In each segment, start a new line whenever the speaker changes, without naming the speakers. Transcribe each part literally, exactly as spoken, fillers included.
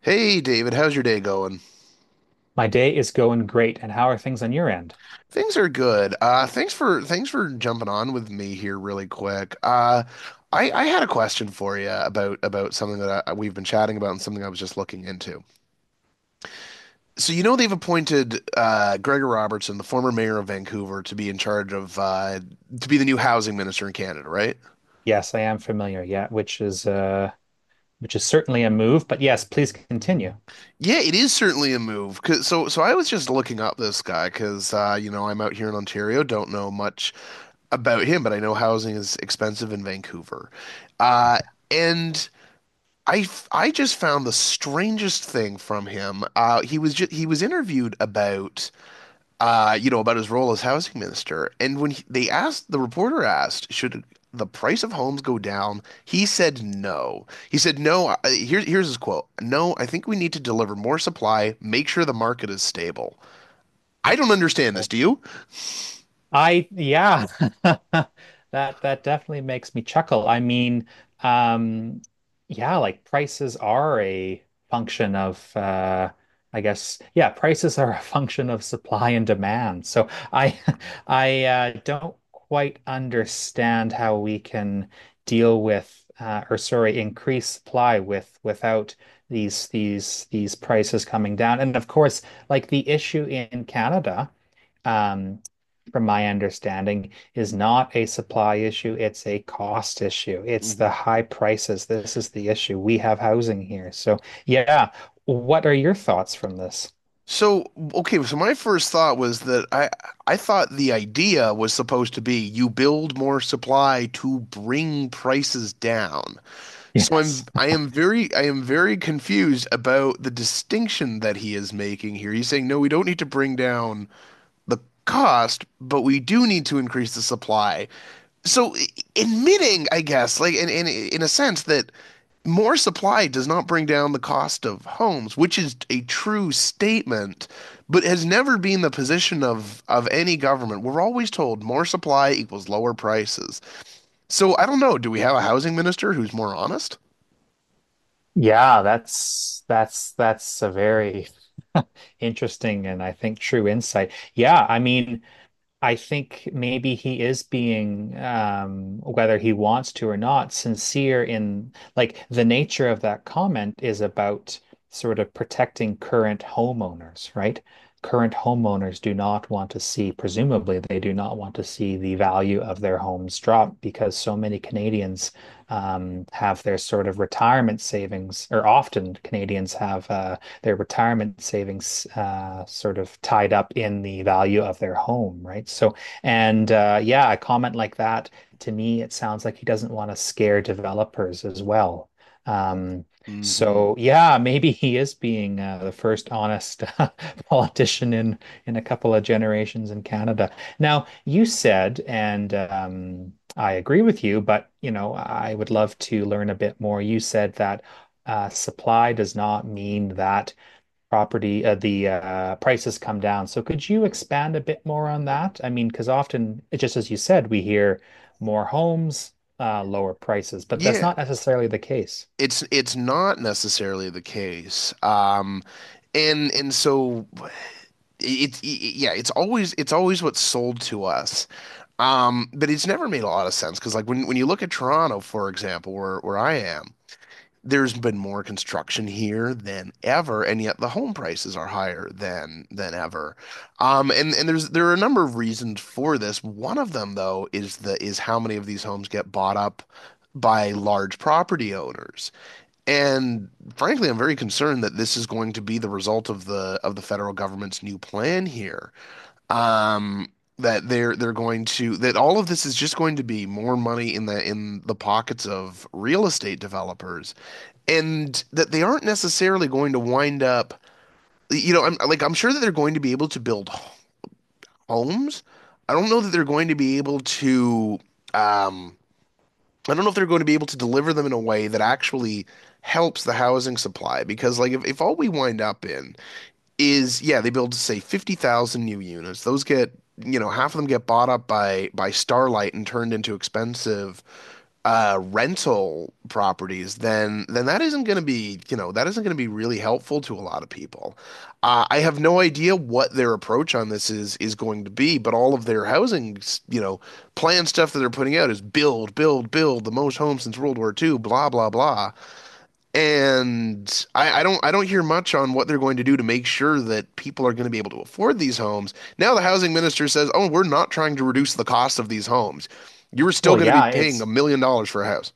Hey David, how's your day going?
My day is going great, and how are things on your end?
Things are good. Uh, thanks for thanks for jumping on with me here really quick. Uh, I I had a question for you about about something that I, we've been chatting about, and something I was just looking into. So you know they've appointed uh, Gregor Robertson, the former mayor of Vancouver, to be in charge of uh, to be the new housing minister in Canada, right?
Yes, I am familiar. Yeah, which is uh which is certainly a move, but yes, please continue.
Yeah, it is certainly a move. 'Cause- so so I was just looking up this guy because uh, you know I'm out here in Ontario, don't know much about him, but I know housing is expensive in Vancouver. Uh, and I, f- I just found the strangest thing from him. Uh, he was ju- he was interviewed about uh, you know about his role as housing minister, and when he, they asked the reporter asked, should the price of homes go down? He said no. He said no. I- Here, here's his quote: "No, I think we need to deliver more supply, make sure the market is stable." I don't understand this. Do you?
I yeah, that that definitely makes me chuckle. I mean, um, yeah, like prices are a function of uh, I guess yeah, prices are a function of supply and demand. So I I uh, don't quite understand how we can deal with uh, or sorry, increase supply with without these these these prices coming down. And of course, like the issue in Canada. Um, from my understanding, is not a supply issue. It's a cost issue. It's the high prices. This is the issue. We have housing here. So, yeah. What are your thoughts from this?
So, okay, so my first thought was that I I thought the idea was supposed to be you build more supply to bring prices down. So I'm
Yes.
I am very I am very confused about the distinction that he is making here. He's saying, no, we don't need to bring down the cost, but we do need to increase the supply. So i- Admitting, I guess, like in in in a sense that more supply does not bring down the cost of homes, which is a true statement, but has never been the position of of any government. We're always told more supply equals lower prices. So I don't know, do we have a housing minister who's more honest?
Yeah, that's that's that's a very interesting and I think true insight. Yeah, I mean, I think maybe he is being, um, whether he wants to or not, sincere in like the nature of that comment is about sort of protecting current homeowners, right? Current homeowners do not want to see, presumably, they do not want to see the value of their homes drop because so many Canadians um, have their sort of retirement savings, or often Canadians have uh, their retirement savings uh, sort of tied up in the value of their home, right? So, and uh, yeah, a comment like that to me, it sounds like he doesn't want to scare developers as well. Um,
hmm
so yeah, maybe he is being uh, the first honest politician in in a couple of generations in Canada. Now, you said, and um, I agree with you, but you know, I would love to learn a bit more. You said that uh, supply does not mean that property, uh, the uh, prices come down. So could you expand a bit more on that? I mean, because often, just as you said, we hear more homes, uh, lower prices, but that's
Yeah,
not necessarily the case.
it's it's not necessarily the case. Um, and and so it's it, it- yeah, it's always it's always what's sold to us, um but it's never made a lot of sense because like when when you look at Toronto, for example, where where I am there's been more construction here than ever, and yet the home prices are higher than than ever. Um and and there's there are a number of reasons for this. One of them, though, is the is how many of these homes get bought up by large property owners. And frankly, I'm very concerned that this is going to be the result of the of the federal government's new plan here, um that they're they're going to, that all of this is just going to be more money in the in the pockets of real estate developers, and that they aren't necessarily going to wind up, you know, I'm like I'm sure that they're going to be able to build homes. I don't know that they're going to be able to, um I don't know if they're going to be able to deliver them in a way that actually helps the housing supply, because like if, if all we wind up in is, yeah, they build say fifty thousand new units. Those get, you know, half of them get bought up by by Starlight and turned into expensive uh rental properties. Then then that isn't going to be, you know, that isn't going to be really helpful to a lot of people. Uh, I have no idea what their approach on this is is going to be, but all of their housing, you know, plan stuff that they're putting out is build, build, build the most homes since World War Two. Blah blah blah. And I, I don't I don't hear much on what they're going to do to make sure that people are going to be able to afford these homes. Now the housing minister says, "Oh, we're not trying to reduce the cost of these homes. You're still
Well,
going to be
yeah,
paying a
it's
million dollars for a house."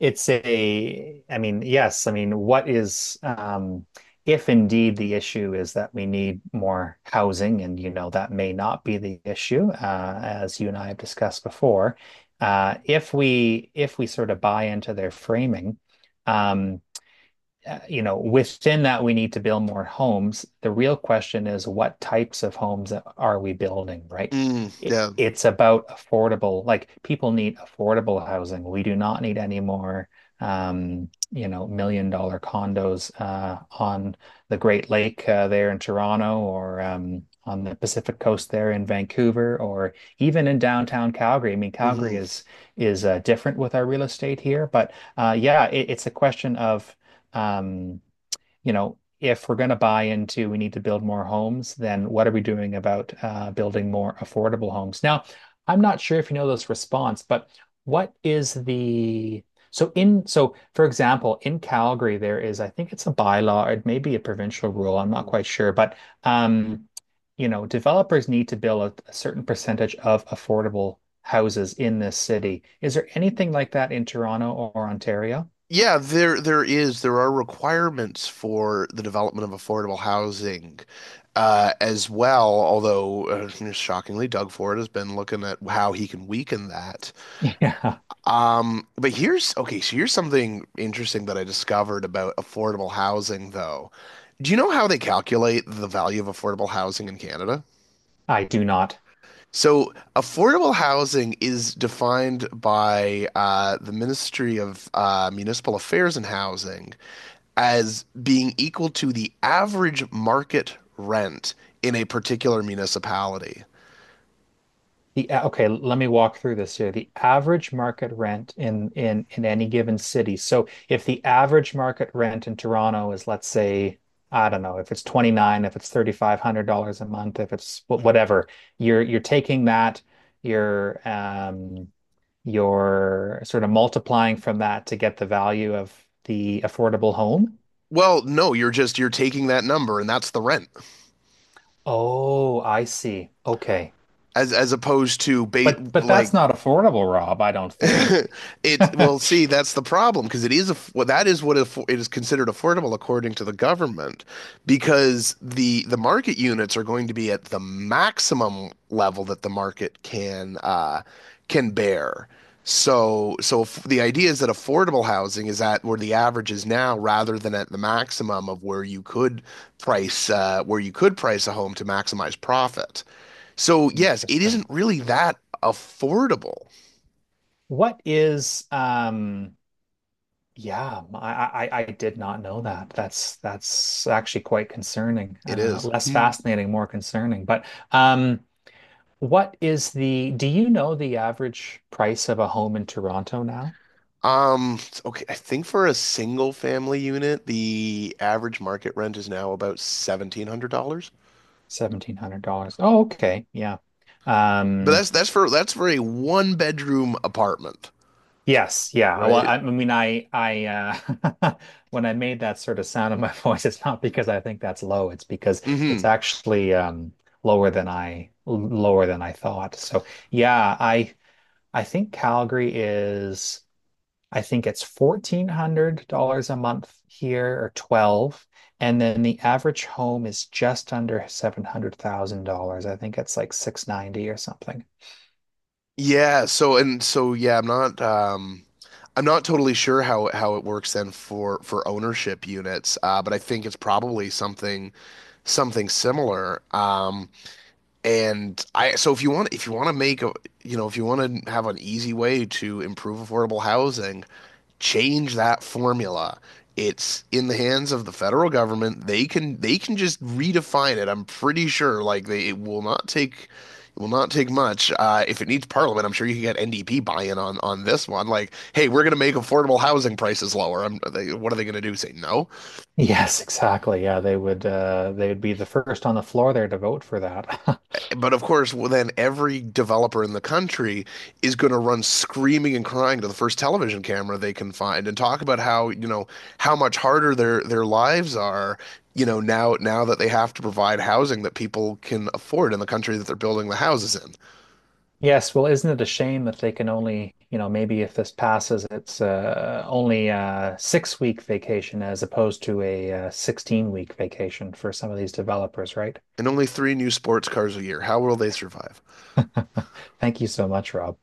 it's a, I mean, yes, I mean, what is um, if indeed the issue is that we need more housing, and you know that may not be the issue, uh, as you and I have discussed before. Uh, if we if we sort of buy into their framing, um, uh, you know, within that, we need to build more homes. The real question is what types of homes are we building, right?
Mm,
It,
yeah.
it's about affordable, like people need affordable housing. We do not need any more, um, you know, million dollar condos uh, on the Great Lake uh, there in Toronto or um, on the Pacific Coast there in Vancouver or even in downtown Calgary. I mean, Calgary
hmm
is is uh, different with our real estate here, but uh, yeah, it, it's a question of um, you know, if we're going to buy into we need to build more homes, then what are we doing about uh, building more affordable homes? Now, I'm not sure if you know this response, but what is the so in so for example, in Calgary there is, I think, it's a bylaw, or it may be a provincial rule, I'm not quite sure, but um, you know, developers need to build a, a certain percentage of affordable houses in this city. Is there anything like that in Toronto or Ontario?
Yeah, there there is there are requirements for the development of affordable housing, uh, as well, although uh, shockingly, Doug Ford has been looking at how he can weaken that.
Yeah,
Um, but here's Okay, so here's something interesting that I discovered about affordable housing, though. Do you know how they calculate the value of affordable housing in Canada?
I do not.
So, affordable housing is defined by uh, the Ministry of uh, Municipal Affairs and Housing as being equal to the average market rent in a particular municipality.
The a- okay, let me walk through this here. The average market rent in in in any given city. So if the average market rent in Toronto is, let's say, I don't know, if it's twenty-nine, if it's thirty-five hundred dollars a month, if it's wh- whatever, you're you're taking that, you're um you're sort of multiplying from that to get the value of the affordable home.
Well, no, you're just you're taking that number, and that's the rent,
Oh, I see. Okay.
as as opposed to ba
But but that's
like
not affordable, Rob, I don't think.
It's, well, see, that's the problem, because it is a, well, that is what aff- it is considered affordable according to the government, because the the market units are going to be at the maximum level that the market can uh, can bear. So, so if the idea is that affordable housing is at where the average is now, rather than at the maximum of where you could price uh, where you could price a home to maximize profit. So, yes, it
Interesting.
isn't really that affordable.
What is um yeah, I, I I did not know that. That's that's actually quite concerning.
It
Uh
is.
less fascinating, more concerning. But um what is the do you know the average price of a home in Toronto now?
Um, okay, I think for a single family unit, the average market rent is now about seventeen hundred dollars.
seventeen hundred dollars. Oh, okay. Yeah.
But
Um
that's that's for that's for a one bedroom apartment,
Yes, yeah. Well,
right?
I, I mean, I, I, uh, when I made that sort of sound in my voice, it's not because I think that's low. It's because
Mm-hmm.
it's actually um, lower than I l- lower than I thought. So yeah, I, I think Calgary is, I think it's fourteen hundred dollars a month here or twelve, and then the average home is just under seven hundred thousand dollars. I think it's like six ninety or something.
Yeah, so and so yeah, I'm not um I'm not totally sure how how it works then for for ownership units, uh, but I think it's probably something something similar. Um, And I, so if you want, if you want to make a, you know, if you want to have an easy way to improve affordable housing, change that formula. It's in the hands of the federal government. They can they can just redefine it. I'm pretty sure like they it will not take, it will not take much. Uh, if it needs parliament, I'm sure you can get N D P buy-in on on this one. Like, hey, we're going to make affordable housing prices lower. I'm, they, what are they going to do? Say no?
Yes, exactly. Yeah, they would uh they would be the first on the floor there to vote for that.
But of course, well, then every developer in the country is going to run screaming and crying to the first television camera they can find, and talk about how, you know, how much harder their their lives are, you know, now now that they have to provide housing that people can afford in the country that they're building the houses in.
Yes, well, isn't it a shame that they can only, you know, maybe if this passes, it's uh only a six week vacation as opposed to a uh, sixteen week vacation for some of these developers, right?
And only three new sports cars a year. How will they survive?
Thank you so much, Rob.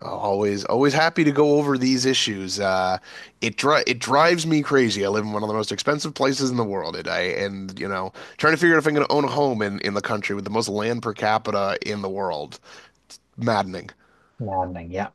Always, always happy to go over these issues. Uh, it dri it drives me crazy. I live in one of the most expensive places in the world, and I, and you know, trying to figure out if I'm going to own a home in in the country with the most land per capita in the world. Maddening.
Maddening. Yeah.